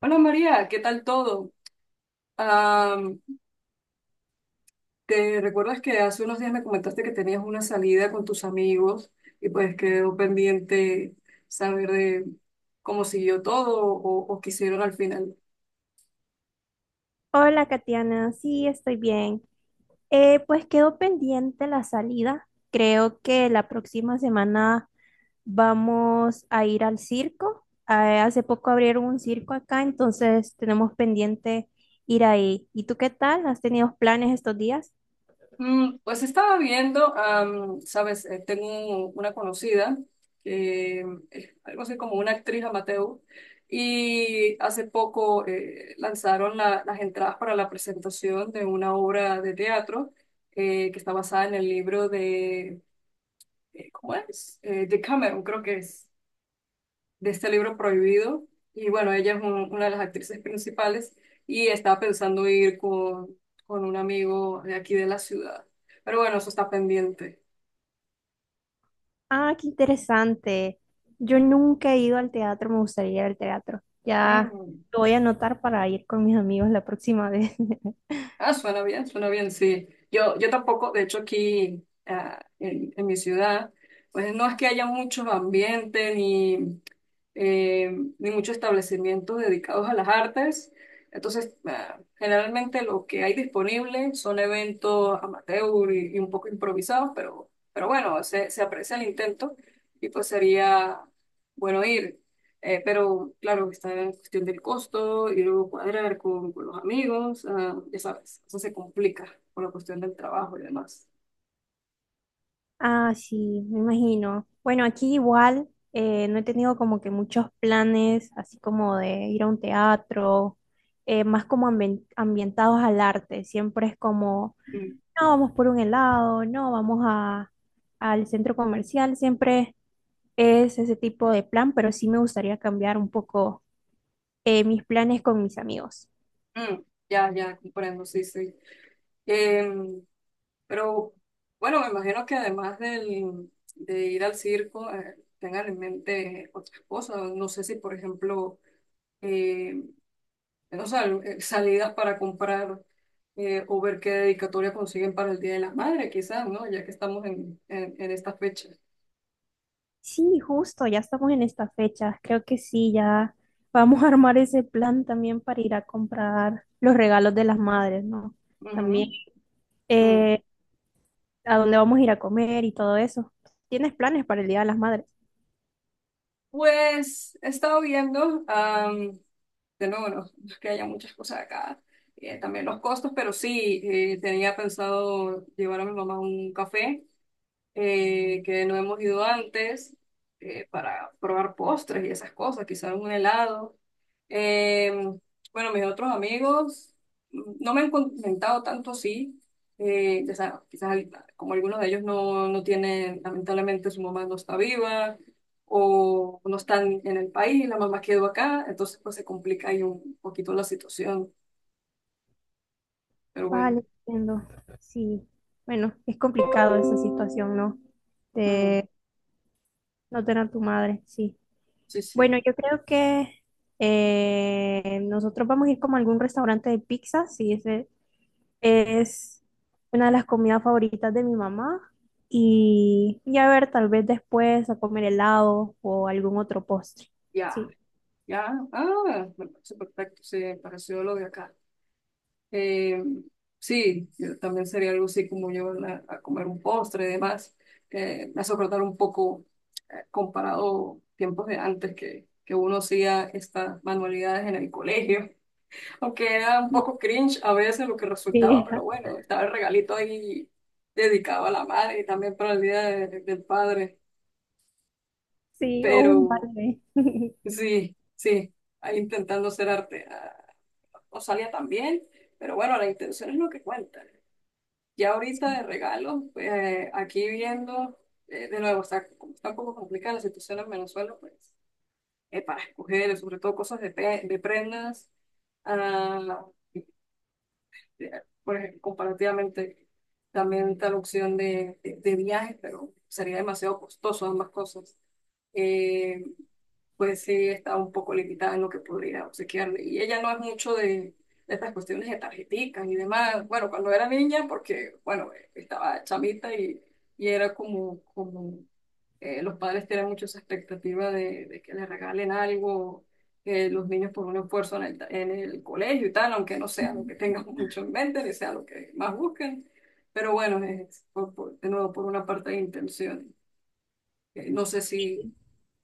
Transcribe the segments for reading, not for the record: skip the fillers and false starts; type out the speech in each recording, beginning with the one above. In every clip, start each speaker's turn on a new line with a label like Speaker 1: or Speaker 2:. Speaker 1: Hola María, ¿qué tal todo? Am, ¿Te recuerdas que hace unos días me comentaste que tenías una salida con tus amigos y pues quedó pendiente saber de cómo siguió todo o qué hicieron al final?
Speaker 2: Hola, Katiana. Sí, estoy bien. Pues quedó pendiente la salida. Creo que la próxima semana vamos a ir al circo. Hace poco abrieron un circo acá, entonces tenemos pendiente ir ahí. ¿Y tú qué tal? ¿Has tenido planes estos días?
Speaker 1: Mm, pues estaba viendo, sabes, tengo una conocida que es algo así como una actriz amateur y hace poco lanzaron las entradas para la presentación de una obra de teatro que está basada en el libro de, ¿cómo es? De Cameron, creo que es de este libro prohibido. Y bueno, ella es una de las actrices principales y estaba pensando ir con un amigo de aquí de la ciudad. Pero bueno, eso está pendiente.
Speaker 2: Ah, qué interesante. Yo nunca he ido al teatro, me gustaría ir al teatro. Ya
Speaker 1: Mm.
Speaker 2: lo voy a anotar para ir con mis amigos la próxima vez.
Speaker 1: Ah, suena bien, sí. Yo tampoco, de hecho aquí ah, en mi ciudad, pues no es que haya muchos ambientes ni... eh, ni muchos establecimientos dedicados a las artes. Entonces, ah, generalmente lo que hay disponible son eventos amateur y un poco improvisados, pero bueno, se aprecia el intento y pues sería bueno ir. Pero claro, está en cuestión del costo y luego cuadrar con los amigos, ah, ya sabes, eso se complica por la cuestión del trabajo y demás.
Speaker 2: Ah, sí, me imagino. Bueno, aquí igual no he tenido como que muchos planes, así como de ir a un teatro, más como ambientados al arte. Siempre es como,
Speaker 1: Mm,
Speaker 2: no, vamos por un helado, no, vamos a, al centro comercial. Siempre es ese tipo de plan, pero sí me gustaría cambiar un poco mis planes con mis amigos.
Speaker 1: mm, ya, ya, comprendo, sí, sí. Em, pero bueno, me imagino que además de ir al circo, tengan en mente otras cosas. No sé si, por ejemplo, eh, no sé sea, salidas para comprar o ver qué dedicatoria consiguen para el Día de la Madre, quizás, ¿no? Ya que estamos en esta fecha.
Speaker 2: Sí, justo, ya estamos en esta fecha. Creo que sí, ya vamos a armar ese plan también para ir a comprar los regalos de las madres, ¿no?
Speaker 1: Ujú,
Speaker 2: También
Speaker 1: mm.
Speaker 2: eh, a dónde vamos a ir a comer y todo eso. ¿Tienes planes para el Día de las Madres?
Speaker 1: Pues he estado viendo, de nuevo, no, no es que haya muchas cosas acá, también los costos, pero sí, tenía pensado llevar a mi mamá un café que no hemos ido antes para probar postres y esas cosas, quizás un helado. Eh, bueno, mis otros amigos mm, no me han comentado tanto sí, ya sabes, quizás como algunos de ellos no, no tienen, lamentablemente su mamá no está viva o no están en el país, la mamá quedó acá, entonces pues se complica ahí un poquito la situación, pero bueno,
Speaker 2: Vale, entiendo. Sí, bueno, es complicado esa situación, ¿no?
Speaker 1: mm,
Speaker 2: De no tener a tu madre, sí.
Speaker 1: sí,
Speaker 2: Bueno,
Speaker 1: sí,
Speaker 2: yo creo que nosotros vamos a ir como a algún restaurante de pizza, sí, ese. Es una de las comidas favoritas de mi mamá. Y a ver, tal vez después a comer helado o algún otro postre.
Speaker 1: ya.
Speaker 2: Sí,
Speaker 1: Ya, ah, me parece perfecto, sí, me pareció lo de acá. Eh, sí, yo también sería algo así como llevarla a comer un postre y demás. Me hace acordar un poco comparado tiempos de antes que uno hacía estas manualidades en el colegio, aunque era un
Speaker 2: sí,
Speaker 1: poco cringe a veces lo que resultaba, pero bueno, estaba el regalito ahí dedicado a la madre y también para el día del padre.
Speaker 2: sí, o un
Speaker 1: Pero
Speaker 2: balde.
Speaker 1: sí, sí, ahí intentando hacer arte. Ah, no salía tan bien, pero bueno, la intención es lo que cuenta. Ya ahorita de regalo, pues, aquí viendo, de nuevo, está un poco complicada la situación en Venezuela, pues, para escoger, sobre todo cosas de, de prendas, ah, eh, por ejemplo, comparativamente, también está la opción de viajes, pero sería demasiado costoso ambas cosas. Eh, pues sí estaba un poco limitada en lo que podría obsequiarle. Y ella no es mucho de estas cuestiones de tarjeticas y demás. Bueno, cuando era niña, porque, bueno, estaba chamita y era como, como los padres tienen mucho esa expectativa de que le regalen algo, que los niños por un esfuerzo en el colegio y tal, aunque no sea lo que tengan mucho en mente, ni sea lo que más busquen. Pero bueno, es por, de nuevo por una parte de intención. No sé si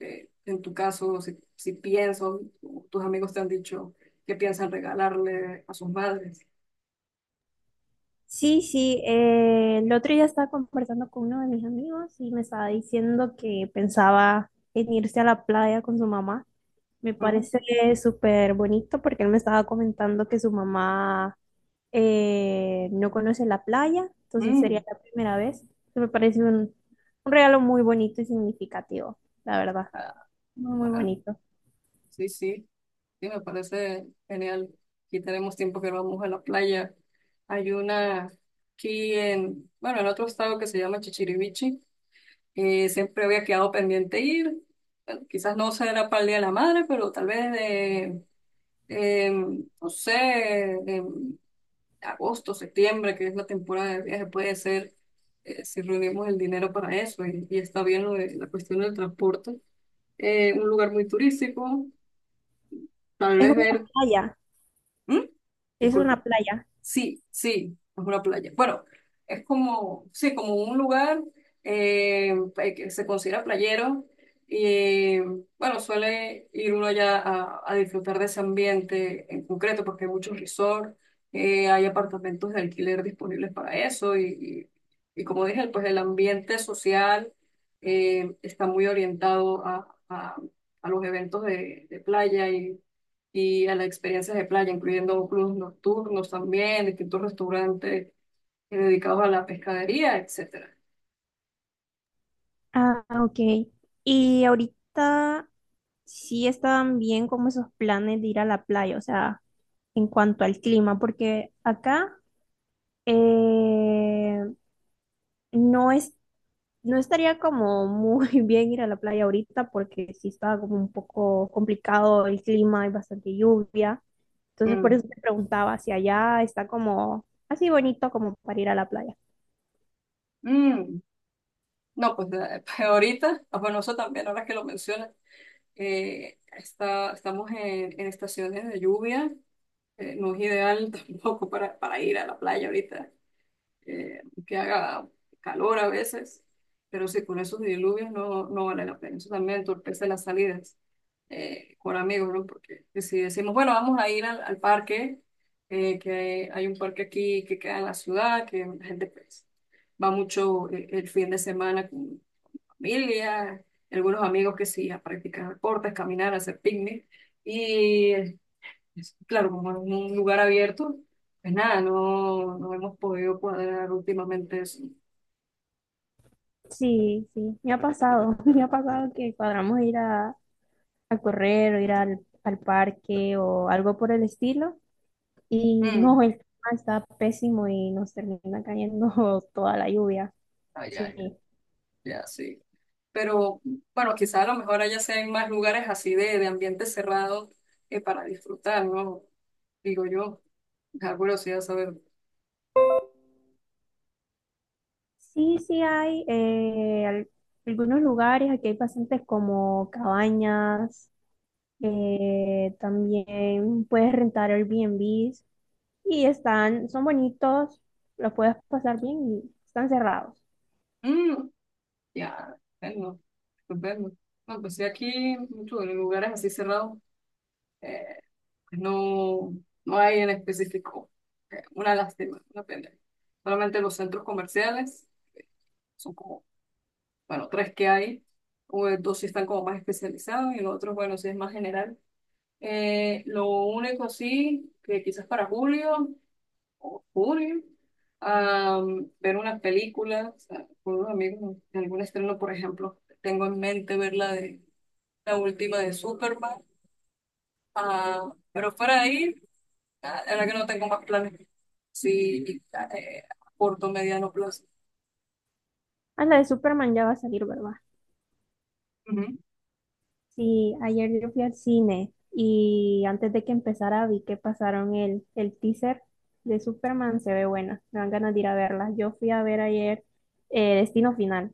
Speaker 1: en tu caso, si, si pienso, o tus amigos te han dicho que piensan regalarle a sus madres.
Speaker 2: Sí, sí. El otro día estaba conversando con uno de mis amigos y me estaba diciendo que pensaba en irse a la playa con su mamá. Me
Speaker 1: Ujú.
Speaker 2: parece súper bonito porque él me estaba comentando que su mamá no conoce la playa, entonces sería
Speaker 1: Mm,
Speaker 2: la primera vez. Entonces me parece un regalo muy bonito y significativo, la verdad.
Speaker 1: ah,
Speaker 2: Muy, muy
Speaker 1: ah,
Speaker 2: bonito.
Speaker 1: sí, sí, sí, me parece genial. Aquí tenemos tiempo que no vamos a la playa. Hay una aquí en, bueno, en otro estado que se llama Chichirivichi, que siempre había quedado pendiente ir. Bueno, quizás no será para el Día de la Madre, pero tal vez de, no sé, em, agosto, septiembre, que es la temporada de viaje, puede ser si reunimos el dinero para eso y está bien lo de la cuestión del transporte. Un lugar muy turístico, tal
Speaker 2: Es
Speaker 1: vez
Speaker 2: una
Speaker 1: ver,
Speaker 2: playa,
Speaker 1: ¿Mm?
Speaker 2: es una
Speaker 1: Disculpa.
Speaker 2: playa.
Speaker 1: Sí, sí, es una playa. Bueno, es como, sí, como un lugar eh, que se considera playero y bueno, suele ir uno allá a disfrutar de ese ambiente en concreto porque hay muchos resorts, hay apartamentos de alquiler disponibles para eso y, y como dije, pues el ambiente social está muy orientado a los eventos de playa y a las experiencias de playa, incluyendo clubes nocturnos también, distintos restaurantes dedicados a la pescadería, etcétera.
Speaker 2: Ah, ok. Y ahorita sí estaban bien como esos planes de ir a la playa, o sea, en cuanto al clima, porque acá eh, no es no estaría como muy bien ir a la playa ahorita porque sí está como un poco complicado el clima, hay bastante lluvia. Entonces por
Speaker 1: Mm,
Speaker 2: eso te preguntaba si allá está como así bonito como para ir a la playa.
Speaker 1: mm. No, pues ahorita, ah, bueno, eso también, ahora que lo mencionas, está, estamos en estaciones de lluvia, no es ideal tampoco para, para ir a la playa ahorita. Que haga calor a veces, pero sí, con esos diluvios no, no vale la pena. Eso también entorpece las salidas con amigos, ¿no? Porque si decimos, bueno, vamos a ir al parque, que hay un parque aquí que queda en la ciudad, que la gente pues, va mucho el fin de semana con familia, algunos amigos que sí, a practicar deportes, caminar, hacer picnic. Y claro, como en un lugar abierto, pues nada, no, no hemos podido cuadrar últimamente eso.
Speaker 2: Sí, sí, me ha pasado, me ha pasado que cuadramos ir a correr o ir al, al parque o algo por el estilo y
Speaker 1: Mm,
Speaker 2: no, el clima está pésimo y nos termina cayendo toda la lluvia. Sí.
Speaker 1: ya sí. Pero bueno, quizás a lo mejor allá sean más lugares así de ambiente cerrado para disfrutar, ¿no? Digo yo, da curiosidad saber.
Speaker 2: Sí, sí hay algunos lugares, aquí hay bastantes como cabañas, también puedes rentar Airbnbs y están, son bonitos, los puedes pasar bien y están cerrados.
Speaker 1: Mm, ya, bueno, pues bueno. No, pues sí, aquí mucho en lugares así cerrados eh, pues no, no hay en específico. Una lástima, una pena. Solamente los centros comerciales son como bueno, tres que hay, o, dos sí están como más especializados y los otros, bueno, sí es más general. Lo único sí, que quizás para julio o junio, ver una película, o sea, con unos amigos, algún estreno, por ejemplo, tengo en mente ver la de la última de Superman, ah, pero fuera de ahí, ah, la verdad que no tengo más planes, sí, a corto, mediano plazo.
Speaker 2: Ah, la de Superman ya va a salir, ¿verdad?
Speaker 1: Ujú.
Speaker 2: Sí, ayer yo fui al cine y antes de que empezara vi que pasaron el teaser de Superman, se ve buena, me dan ganas de ir a verla. Yo fui a ver ayer Destino Final.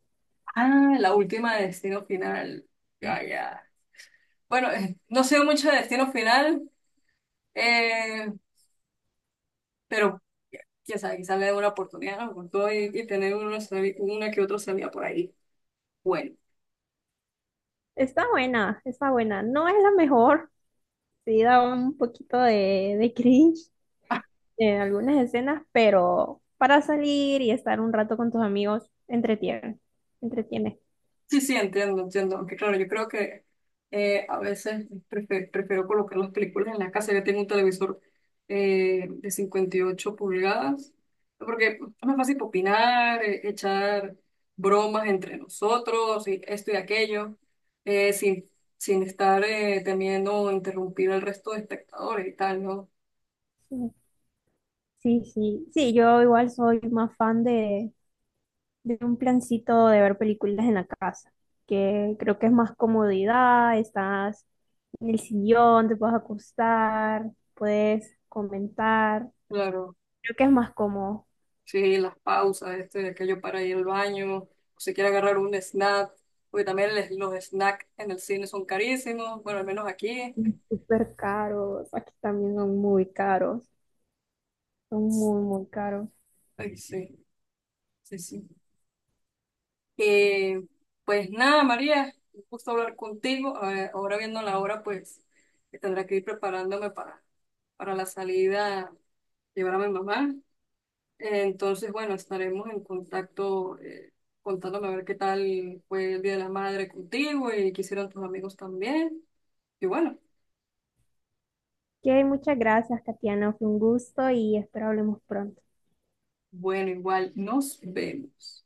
Speaker 1: Ah, la última de Destino Final. Ya, ya. Bueno, no sé mucho de Destino Final, eh, pero ya sabe, quizás le dé una oportunidad, ¿no? Con todo y tener uno una que otro salida por ahí. Bueno.
Speaker 2: Está buena, está buena. No es la mejor, sí da un poquito de cringe en algunas escenas, pero para salir y estar un rato con tus amigos, entretiene, entretiene.
Speaker 1: Sí, sí, entiendo, entiendo. Aunque claro, yo creo que a veces prefiero, colocar las películas en la casa. Yo tengo un televisor de 58 pulgadas, porque es más fácil opinar, echar bromas entre nosotros y esto y aquello, sin, sin estar temiendo interrumpir al resto de espectadores y tal, ¿no?
Speaker 2: Sí, sí, sí. Sí, yo igual soy más fan de un plancito de ver películas en la casa, que creo que es más comodidad, estás en el sillón, te puedes acostar, puedes comentar,
Speaker 1: Claro.
Speaker 2: creo que es más cómodo.
Speaker 1: Sí, las pausas, este, aquello para ir al baño, o si quiere agarrar un snack, porque también los snacks en el cine son carísimos, bueno, al menos aquí.
Speaker 2: Súper caros, aquí también son muy caros, son muy, muy caros.
Speaker 1: Ay, sí, sí, sí. Eh, pues nada, María, un gusto hablar contigo. A ahora viendo la hora, pues que tendré que ir preparándome para la salida, llevar a mi mamá. Entonces, bueno, estaremos en contacto, contándome a ver qué tal fue el Día de la Madre contigo y qué hicieron tus amigos también. Igual. Bueno,
Speaker 2: Ok, muchas gracias, Katiana, fue un gusto y espero hablemos pronto.
Speaker 1: bueno, igual nos vemos.